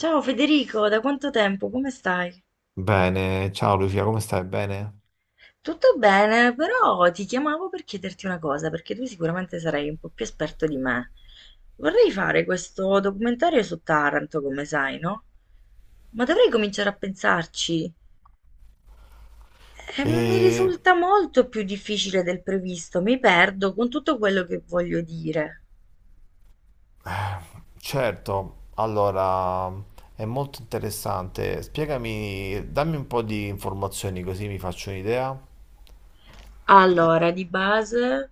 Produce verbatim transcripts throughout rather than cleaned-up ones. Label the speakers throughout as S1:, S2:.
S1: Ciao Federico, da quanto tempo? Come stai?
S2: Bene, ciao Lucia, come stai? Bene?
S1: Tutto bene, però ti chiamavo per chiederti una cosa, perché tu sicuramente sarai un po' più esperto di me. Vorrei fare questo documentario su Taranto, come sai, no? Ma dovrei cominciare a pensarci. E mi
S2: E
S1: risulta molto più difficile del previsto, mi perdo con tutto quello che voglio dire.
S2: certo, allora è molto interessante. Spiegami, dammi un po' di informazioni così mi faccio un'idea.
S1: Allora, di base.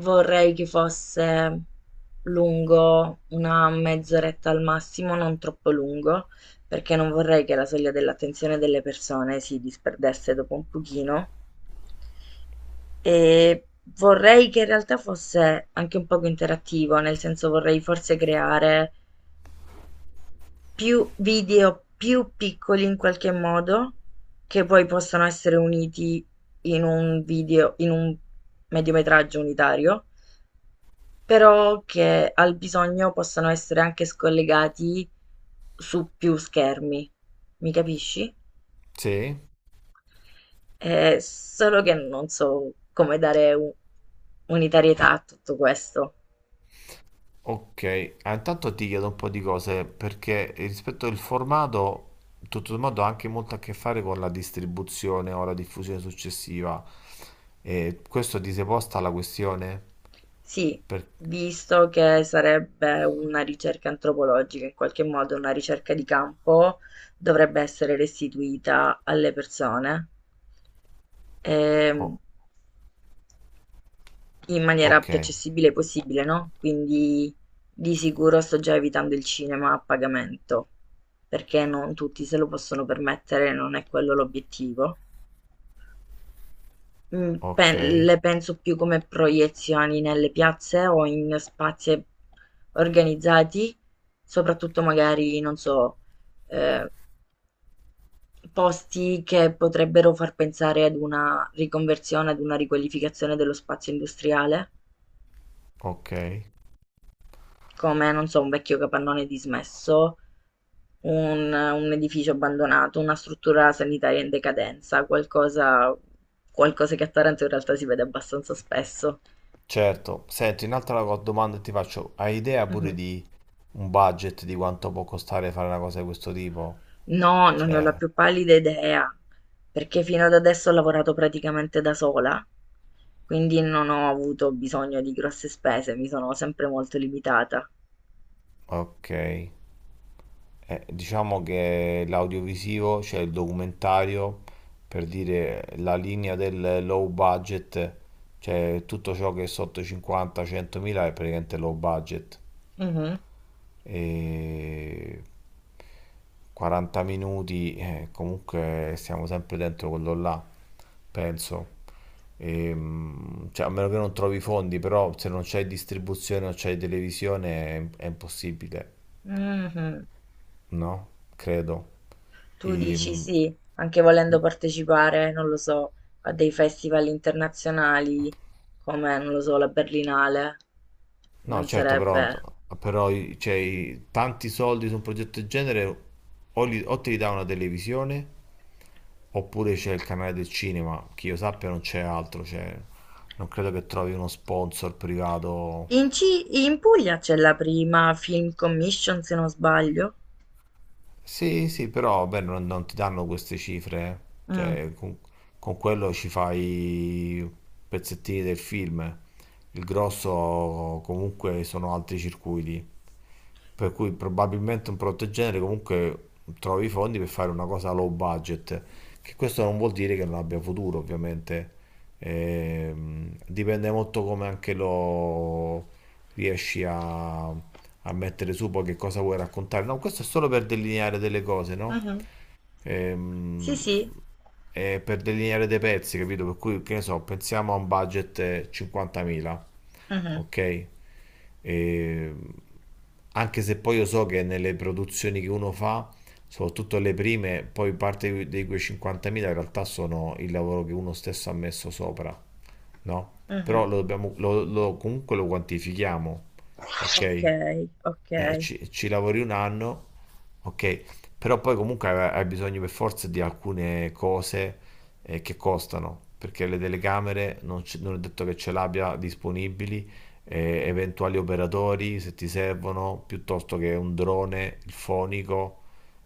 S1: Vorrei che fosse lungo una mezz'oretta al massimo, non troppo lungo, perché non vorrei che la soglia dell'attenzione delle persone si disperdesse dopo un pochino. E vorrei che in realtà fosse anche un poco interattivo, nel senso vorrei forse creare più video più piccoli in qualche modo, che poi possano essere uniti in un video, in un mediometraggio unitario. Però che al bisogno possano essere anche scollegati su più schermi, mi capisci?
S2: Sì.
S1: Eh, solo che non so come dare un- unitarietà a tutto questo.
S2: Ok, ah, intanto ti chiedo un po' di cose perché rispetto al formato, tutto sommato ha anche molto a che fare con la distribuzione o la diffusione successiva. E questo ti sei posta la questione?
S1: Sì,
S2: Per-
S1: visto che sarebbe una ricerca antropologica, in qualche modo una ricerca di campo, dovrebbe essere restituita alle persone. Ehm,
S2: oh,
S1: in maniera
S2: ok,
S1: più accessibile possibile, no? Quindi di sicuro sto già evitando il cinema a pagamento, perché non tutti se lo possono permettere, non è quello l'obiettivo. Mm,
S2: ok,
S1: pe- le penso più come proiezioni nelle piazze o in spazi organizzati, soprattutto magari, non so, eh, posti che potrebbero far pensare ad una riconversione, ad una riqualificazione dello spazio industriale.
S2: ok.
S1: Come, non so, un vecchio capannone dismesso, un, un edificio abbandonato, una struttura sanitaria in decadenza, qualcosa, qualcosa che a Taranto in realtà si vede abbastanza spesso.
S2: Certo, senti, un'altra co- domanda che ti faccio, hai idea pure
S1: Mhm.
S2: di un budget di quanto può costare fare una cosa di questo tipo?
S1: No, non ne ho la
S2: Cioè,
S1: più pallida idea, perché fino ad adesso ho lavorato praticamente da sola, quindi non ho avuto bisogno di grosse spese, mi sono sempre molto limitata.
S2: ok. Eh, diciamo che l'audiovisivo, cioè il documentario, per dire la linea del low budget, cioè tutto ciò che è sotto i cinquanta centomila è praticamente low budget.
S1: Mhm,
S2: E quaranta minuti, eh, comunque stiamo sempre dentro quello là, penso. Ehm, cioè, a meno che non trovi i fondi, però se non c'è distribuzione o c'è televisione è, è impossibile,
S1: mhm.
S2: no? Credo.
S1: Tu dici
S2: Ehm,
S1: sì, anche volendo partecipare, non lo so, a dei festival internazionali come, non lo so, la Berlinale,
S2: no,
S1: non
S2: certo, però,
S1: sarebbe...
S2: però i- cioè, i- tanti soldi su un progetto del genere o, li- o te li dà una televisione oppure c'è il canale del cinema, che io sappia non c'è altro, cioè, non credo che trovi uno sponsor privato.
S1: In, Ci- in Puglia c'è la prima Film Commission, se non sbaglio.
S2: Sì, sì, però beh, non, non ti danno queste cifre, eh.
S1: Mm,
S2: Cioè, con- con quello ci fai pezzettini del film. Il grosso comunque sono altri circuiti. Per cui probabilmente un prodotto del genere comunque trovi i fondi per fare una cosa low budget. Che questo non vuol dire che non abbia futuro, ovviamente. Ehm, dipende molto come anche lo riesci a, a mettere su, poi che cosa vuoi raccontare. No, questo è solo per delineare delle cose, no?
S1: mhm. Sì,
S2: Ehm,
S1: sì.
S2: eh, per delineare dei pezzi, capito? Per cui, che ne so, pensiamo a un budget eh, cinquantamila,
S1: Mhm,
S2: ok? E, anche se poi io so che nelle produzioni che uno fa, soprattutto le prime, poi parte di quei cinquantamila in realtà sono il lavoro che uno stesso ha messo sopra, no?
S1: mhm.
S2: Però lo dobbiamo, lo- lo- comunque lo quantifichiamo,
S1: Ok,
S2: ok?
S1: ok.
S2: Eh, ci, ci lavori un anno, ok, però poi comunque hai hai bisogno per forza di alcune cose, eh, che costano, perché le telecamere non, ce- non è detto che ce l'abbia disponibili, eh, eventuali operatori se ti servono, piuttosto che un drone, il fonico,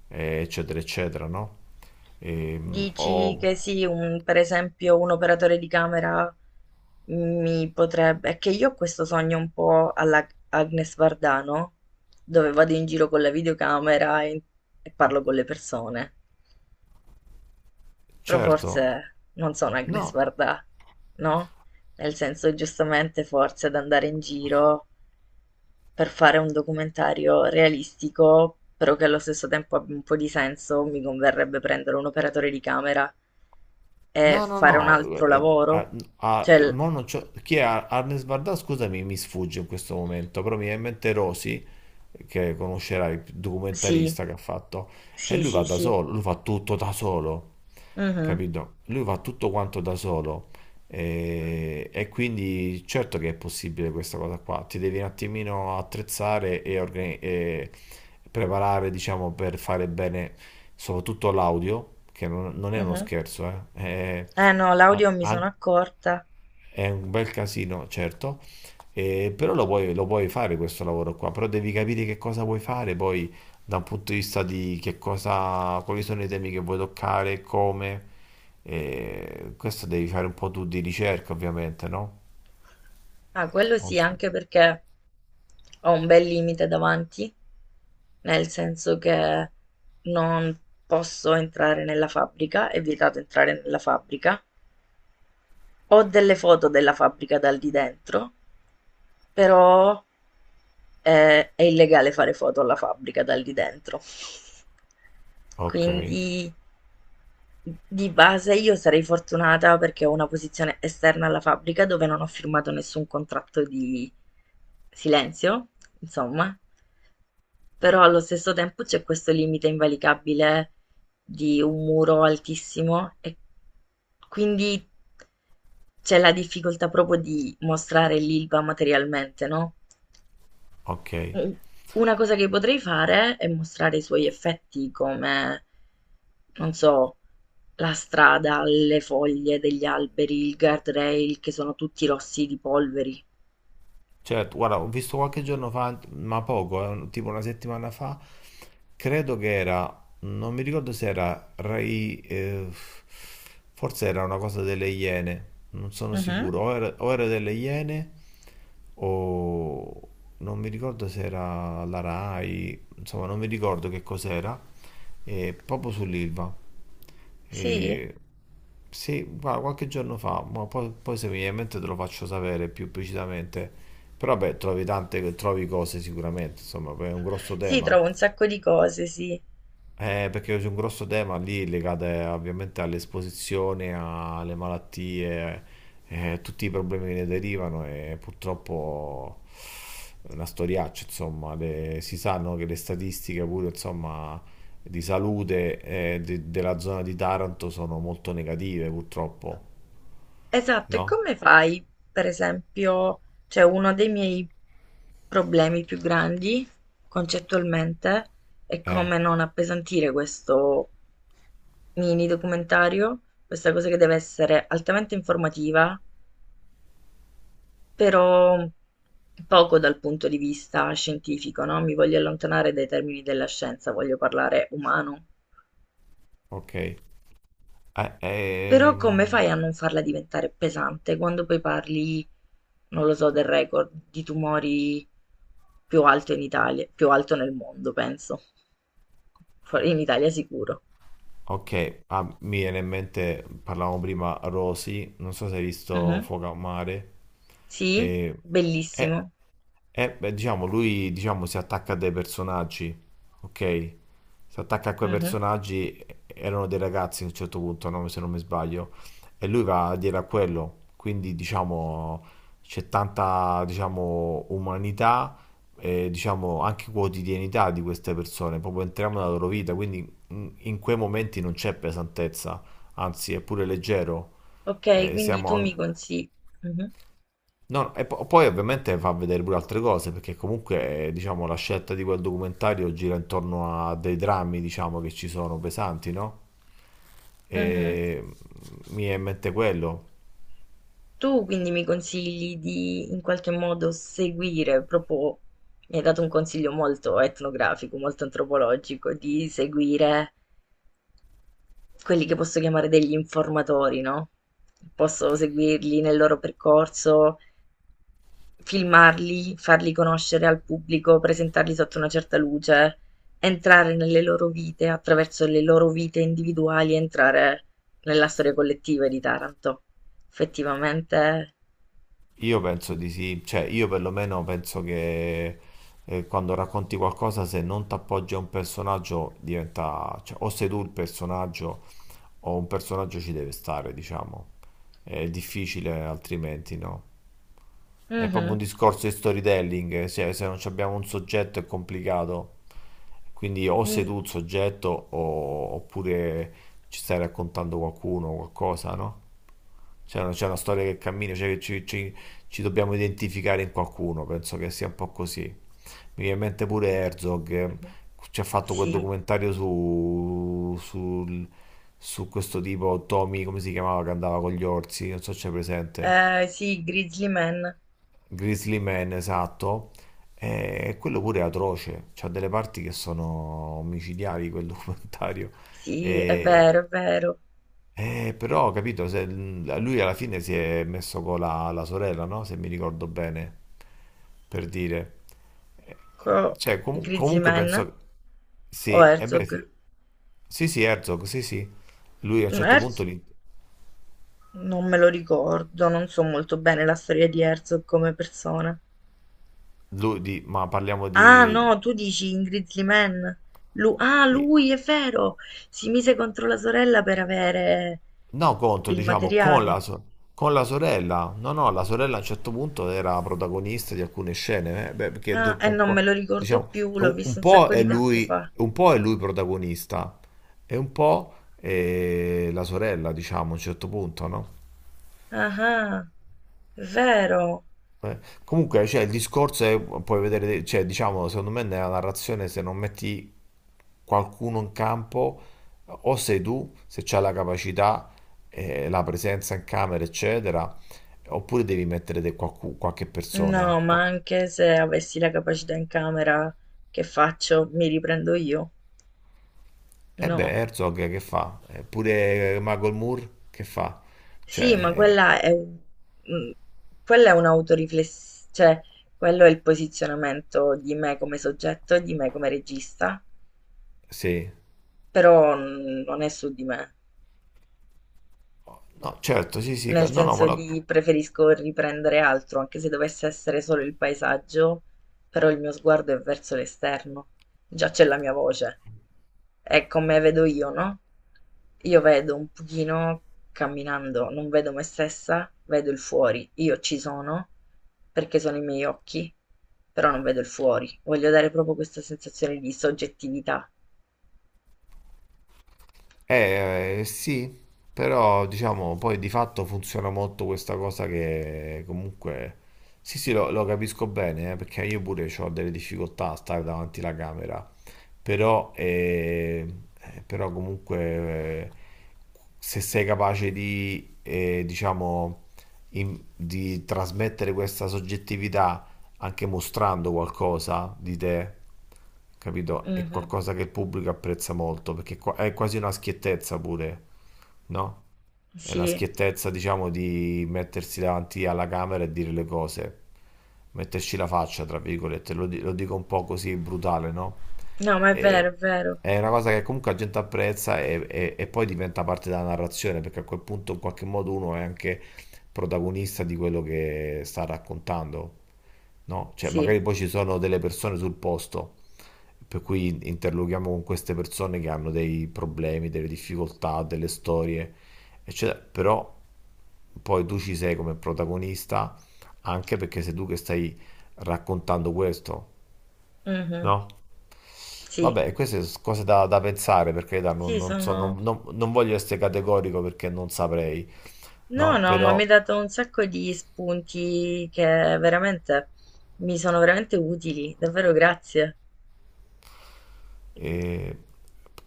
S2: eh, eccetera, eccetera, no? Ehm,
S1: Dici
S2: o
S1: che sì, un- per esempio un operatore di camera mi potrebbe... È che io ho questo sogno un po' alla Agnes Vardano, dove vado in giro con la videocamera e, e parlo con le persone. Però
S2: Certo,
S1: forse non sono Agnes
S2: no.
S1: Varda, no? Nel senso, giustamente, forse ad andare in giro per fare un documentario realistico, però che allo stesso tempo abbia un po' di senso, mi converrebbe prendere un operatore di camera e
S2: No, no,
S1: fare un
S2: no,
S1: altro
S2: eh, ah,
S1: lavoro.
S2: ah,
S1: Cioè, l-
S2: mo non c'ho- chi è Ar- Arnes Barda? Scusami, mi sfugge in questo momento, però mi viene in mente Rosi, che conoscerai, il
S1: sì,
S2: documentarista che ha fatto, e
S1: sì,
S2: lui va
S1: sì,
S2: da
S1: sì.
S2: solo, lui fa tutto da solo,
S1: Mhm,
S2: capito? Lui fa tutto quanto da solo e, e quindi certo che è possibile questa cosa qua, ti devi un attimino attrezzare e, organi- e preparare, diciamo, per fare bene soprattutto l'audio, che non, non è uno
S1: mhm.
S2: scherzo, eh. È-
S1: Eh no,
S2: a-
S1: l'audio mi sono
S2: an-
S1: accorta.
S2: è un bel casino, certo, eh, però lo puoi, lo puoi fare questo lavoro qua, però devi capire che cosa vuoi fare poi da un punto di vista di che cosa, quali sono i temi che vuoi toccare, come. Eh, questo devi fare un po' tu di ricerca, ovviamente, no?
S1: Ah, quello
S2: Non
S1: sì,
S2: so-
S1: anche perché ho un bel limite davanti, nel senso che non posso entrare nella fabbrica, è vietato entrare nella fabbrica. Ho delle foto della fabbrica dal di dentro, però, ehm, è illegale fare foto alla fabbrica dal di dentro.
S2: Ok,
S1: Quindi di base io sarei fortunata perché ho una posizione esterna alla fabbrica dove non ho firmato nessun contratto di silenzio, insomma, però allo stesso tempo c'è questo limite invalicabile di un muro altissimo e quindi c'è la difficoltà proprio di mostrare l'Ilva materialmente, no?
S2: ok.
S1: Mh. Una cosa che potrei fare è mostrare i suoi effetti come, non so, la strada, le foglie degli alberi, il guardrail che sono tutti rossi di polveri.
S2: Certo, guarda, ho visto qualche giorno fa, ma poco, eh, un- tipo una settimana fa, credo che era, non mi ricordo se era Rai, eh, forse era una cosa delle Iene, non sono
S1: Mhm.
S2: sicuro, o era, o era delle Iene o non mi ricordo se era la Rai, insomma non mi ricordo che cos'era, eh, proprio sull'Ilva.
S1: Sì?
S2: Eh sì, guarda, qualche giorno fa, ma poi, poi se mi viene in mente te lo faccio sapere più precisamente. Però beh, trovi tante, trovi cose sicuramente, insomma, è un grosso
S1: Sì,
S2: tema.
S1: trovo un sacco di cose, sì.
S2: Eh, perché c'è un grosso tema lì legato, eh, ovviamente all'esposizione, alle malattie, eh, tutti i problemi che ne derivano e purtroppo è una storiaccia, insomma. Le- si sanno che le statistiche pure, insomma, di salute, eh, de- della zona di Taranto sono molto negative, purtroppo,
S1: Esatto, e
S2: no?
S1: come fai? Per esempio, cioè uno dei miei problemi più grandi concettualmente è
S2: Eh,
S1: come non appesantire questo mini documentario, questa cosa che deve essere altamente informativa, però poco dal punto di vista scientifico, no? Mi voglio allontanare dai termini della scienza, voglio parlare umano.
S2: ok. Eh,
S1: Però come
S2: ehm,
S1: fai a non farla diventare pesante quando poi parli, non lo so, del record di tumori più alto in Italia, più alto nel mondo, penso. Fuori- In Italia sicuro.
S2: Ok, ah, mi viene in mente, parlavamo prima, Rosy, non so se hai visto
S1: Mhm.
S2: Fuoco a Mare,
S1: Sì?
S2: e, eh,
S1: Bellissimo.
S2: eh, beh, diciamo, lui diciamo, si attacca a dei personaggi, ok? Si attacca a quei
S1: Mhm.
S2: personaggi, erano dei ragazzi a un certo punto, no? Se non mi sbaglio, e lui va a dire a quello, quindi diciamo c'è tanta, diciamo, umanità e diciamo anche quotidianità di queste persone, proprio entriamo nella loro vita, quindi in in quei momenti non c'è pesantezza, anzi è pure leggero.
S1: Ok,
S2: Eh,
S1: quindi
S2: siamo
S1: tu
S2: an-
S1: mi consigli... Mhm.
S2: No, no, e po- poi ovviamente fa vedere pure altre cose, perché comunque, eh, diciamo, la scelta di quel documentario gira intorno a dei drammi, diciamo, che ci sono pesanti, no?
S1: Mhm.
S2: E mi è in mente quello.
S1: Tu quindi mi consigli di in qualche modo seguire proprio... Mi hai dato un consiglio molto etnografico, molto antropologico, di seguire quelli che posso chiamare degli informatori, no, posso seguirli nel loro percorso, filmarli, farli conoscere al pubblico, presentarli sotto una certa luce, entrare nelle loro vite, attraverso le loro vite individuali, entrare nella storia collettiva di Taranto. Effettivamente.
S2: Io penso di sì, cioè io perlomeno penso che, eh, quando racconti qualcosa, se non ti appoggi a un personaggio, diventa, cioè, o sei tu il personaggio o un personaggio ci deve stare, diciamo. È difficile altrimenti, no? È
S1: Mh-mh.
S2: proprio un discorso di storytelling, se, se non abbiamo un soggetto è complicato. Quindi o
S1: Mi
S2: sei tu il soggetto o- oppure ci stai raccontando qualcuno, qualcosa, no? C'è una, c'è una storia che cammina, cioè che ci, ci- ci dobbiamo identificare in qualcuno, penso che sia un po' così. Mi viene in mente pure Herzog, eh,
S1: mh-mh.
S2: ci ha fatto quel
S1: Sì,
S2: documentario su, sul- su questo tipo, Tommy, come si chiamava, che andava con gli orsi, non so se c'è presente.
S1: ehm, sì, Grizzly Man.
S2: Grizzly Man, esatto. E quello pure è atroce. C'ha delle parti che sono omicidiali quel documentario.
S1: Sì, è
S2: E,
S1: vero, è vero.
S2: e però, capito, se- lui alla fine si è messo con la, la sorella, no? Se mi ricordo bene, per dire. Eh,
S1: Co
S2: Cioè, comu-
S1: Grizzly
S2: comunque
S1: Man
S2: penso...
S1: o
S2: Sì, e beh,
S1: Herzog?
S2: sì. Sì, sì, Herzog, sì, sì. Lui a un certo punto...
S1: Herzog?
S2: Li,
S1: Non me lo ricordo, non so molto bene la storia di Herzog come persona.
S2: lui di- ma parliamo di...
S1: Ah, no, tu dici in Grizzly Man. Lu- ah, lui è vero! Si mise contro la sorella per avere
S2: No, contro,
S1: il
S2: diciamo, con la,
S1: materiale.
S2: so- con la sorella. No, no, la sorella a un certo punto era protagonista di alcune scene, eh, beh, perché
S1: Ah,
S2: do-
S1: e
S2: con
S1: non me
S2: qua-
S1: lo ricordo
S2: diciamo,
S1: più, l'ho
S2: un,
S1: visto
S2: un
S1: un
S2: po'
S1: sacco
S2: è
S1: di tempo
S2: lui,
S1: fa.
S2: un po' è lui, protagonista e un po' è la sorella, diciamo, a un certo punto, no?
S1: Ah, ah, è vero.
S2: Eh, Comunque, cioè, il discorso è, puoi vedere, cioè, diciamo, secondo me nella narrazione se non metti qualcuno in campo, o sei tu, se c'hai la capacità, eh, la presenza in camera, eccetera, oppure devi mettere de- qualcu- qualche persona.
S1: No, ma
S2: Qua-
S1: anche se avessi la capacità in camera, che faccio? Mi riprendo io?
S2: E beh,
S1: No.
S2: Herzog che fa? Eppure Michael Moore che fa?
S1: Sì, ma
S2: Cioè,
S1: quella è, un- mm, quella è un'autoriflessione, cioè quello è il posizionamento di me come soggetto e di me come regista,
S2: sì.
S1: però mm, non è su di me.
S2: No, certo, sì, sì, ca-
S1: Nel
S2: no, no, ma
S1: senso
S2: lo-
S1: di preferisco riprendere altro, anche se dovesse essere solo il paesaggio, però il mio sguardo è verso l'esterno, già c'è la mia voce, è come vedo io, no? Io vedo un pochino camminando, non vedo me stessa, vedo il fuori, io ci sono perché sono i miei occhi, però non vedo il fuori, voglio dare proprio questa sensazione di soggettività.
S2: Eh, eh, sì, però diciamo poi di fatto funziona molto questa cosa che comunque... Sì, sì, lo, lo capisco bene, eh, perché io pure ho delle difficoltà a stare davanti alla camera, però, eh, eh, però comunque, eh, se sei capace di, eh, diciamo, in- di trasmettere questa soggettività anche mostrando qualcosa di te, capito? È
S1: Mhm,
S2: qualcosa che il pubblico apprezza molto, perché qua- è quasi una schiettezza pure, no? È una
S1: sì,
S2: schiettezza, diciamo, di mettersi davanti alla camera e dire le cose, metterci la faccia, tra virgolette, lo, di- lo dico un po' così brutale, no?
S1: no, ma è
S2: E-
S1: vero, è vero,
S2: è una cosa che comunque la gente apprezza e, e- e poi diventa parte della narrazione, perché a quel punto in qualche modo uno è anche protagonista di quello che sta raccontando, no? Cioè,
S1: sì,
S2: magari poi ci sono delle persone sul posto. Per cui interloghiamo con queste persone che hanno dei problemi, delle difficoltà, delle storie, eccetera. Però poi tu ci sei come protagonista anche perché sei tu che stai raccontando questo,
S1: mhm,
S2: no?
S1: sì.
S2: Vabbè, queste sono cose da, da pensare perché non,
S1: Sì,
S2: non so, non,
S1: sono...
S2: non- non voglio essere categorico perché non saprei,
S1: No,
S2: no?
S1: no, ma mi
S2: Però.
S1: hai dato un sacco di spunti che veramente mi sono veramente utili, davvero grazie.
S2: E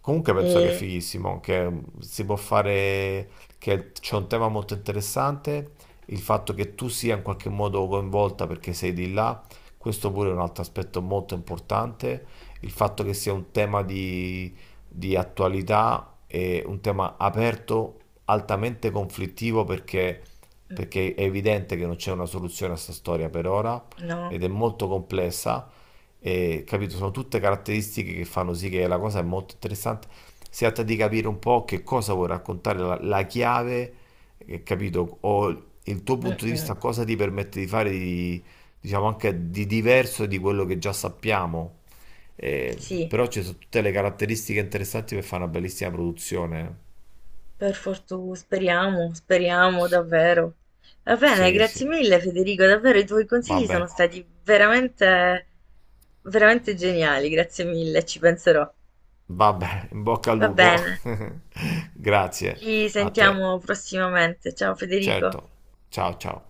S2: comunque penso che è
S1: E...
S2: fighissimo, che si può fare, che c'è un tema molto interessante, il fatto che tu sia in qualche modo coinvolta perché sei di là, questo pure è un altro aspetto molto importante, il fatto che sia un tema di, di attualità e un tema aperto, altamente conflittivo perché,
S1: mm,
S2: perché è evidente che non c'è una soluzione a questa storia per ora
S1: no,
S2: ed è molto complessa e, capito? Sono tutte caratteristiche che fanno sì che la cosa è molto interessante. Si tratta di capire un po' che cosa vuoi raccontare, la, la chiave, eh, capito? O il tuo
S1: mm,
S2: punto di
S1: mm.
S2: vista, cosa ti permette di fare di, diciamo anche di diverso di quello che già sappiamo. Eh,
S1: Sì,
S2: Però ci sono tutte le caratteristiche interessanti per fare una bellissima produzione.
S1: per fortuna, speriamo, speriamo
S2: S-
S1: davvero. Va bene,
S2: Sì,
S1: grazie
S2: sì.
S1: mille Federico, davvero i tuoi consigli sono
S2: Vabbè,
S1: stati veramente, veramente geniali, grazie mille, ci penserò.
S2: vabbè, in bocca al
S1: Va
S2: lupo.
S1: bene,
S2: Grazie
S1: ci
S2: a te.
S1: sentiamo prossimamente. Ciao Federico.
S2: Certo. Ciao, ciao.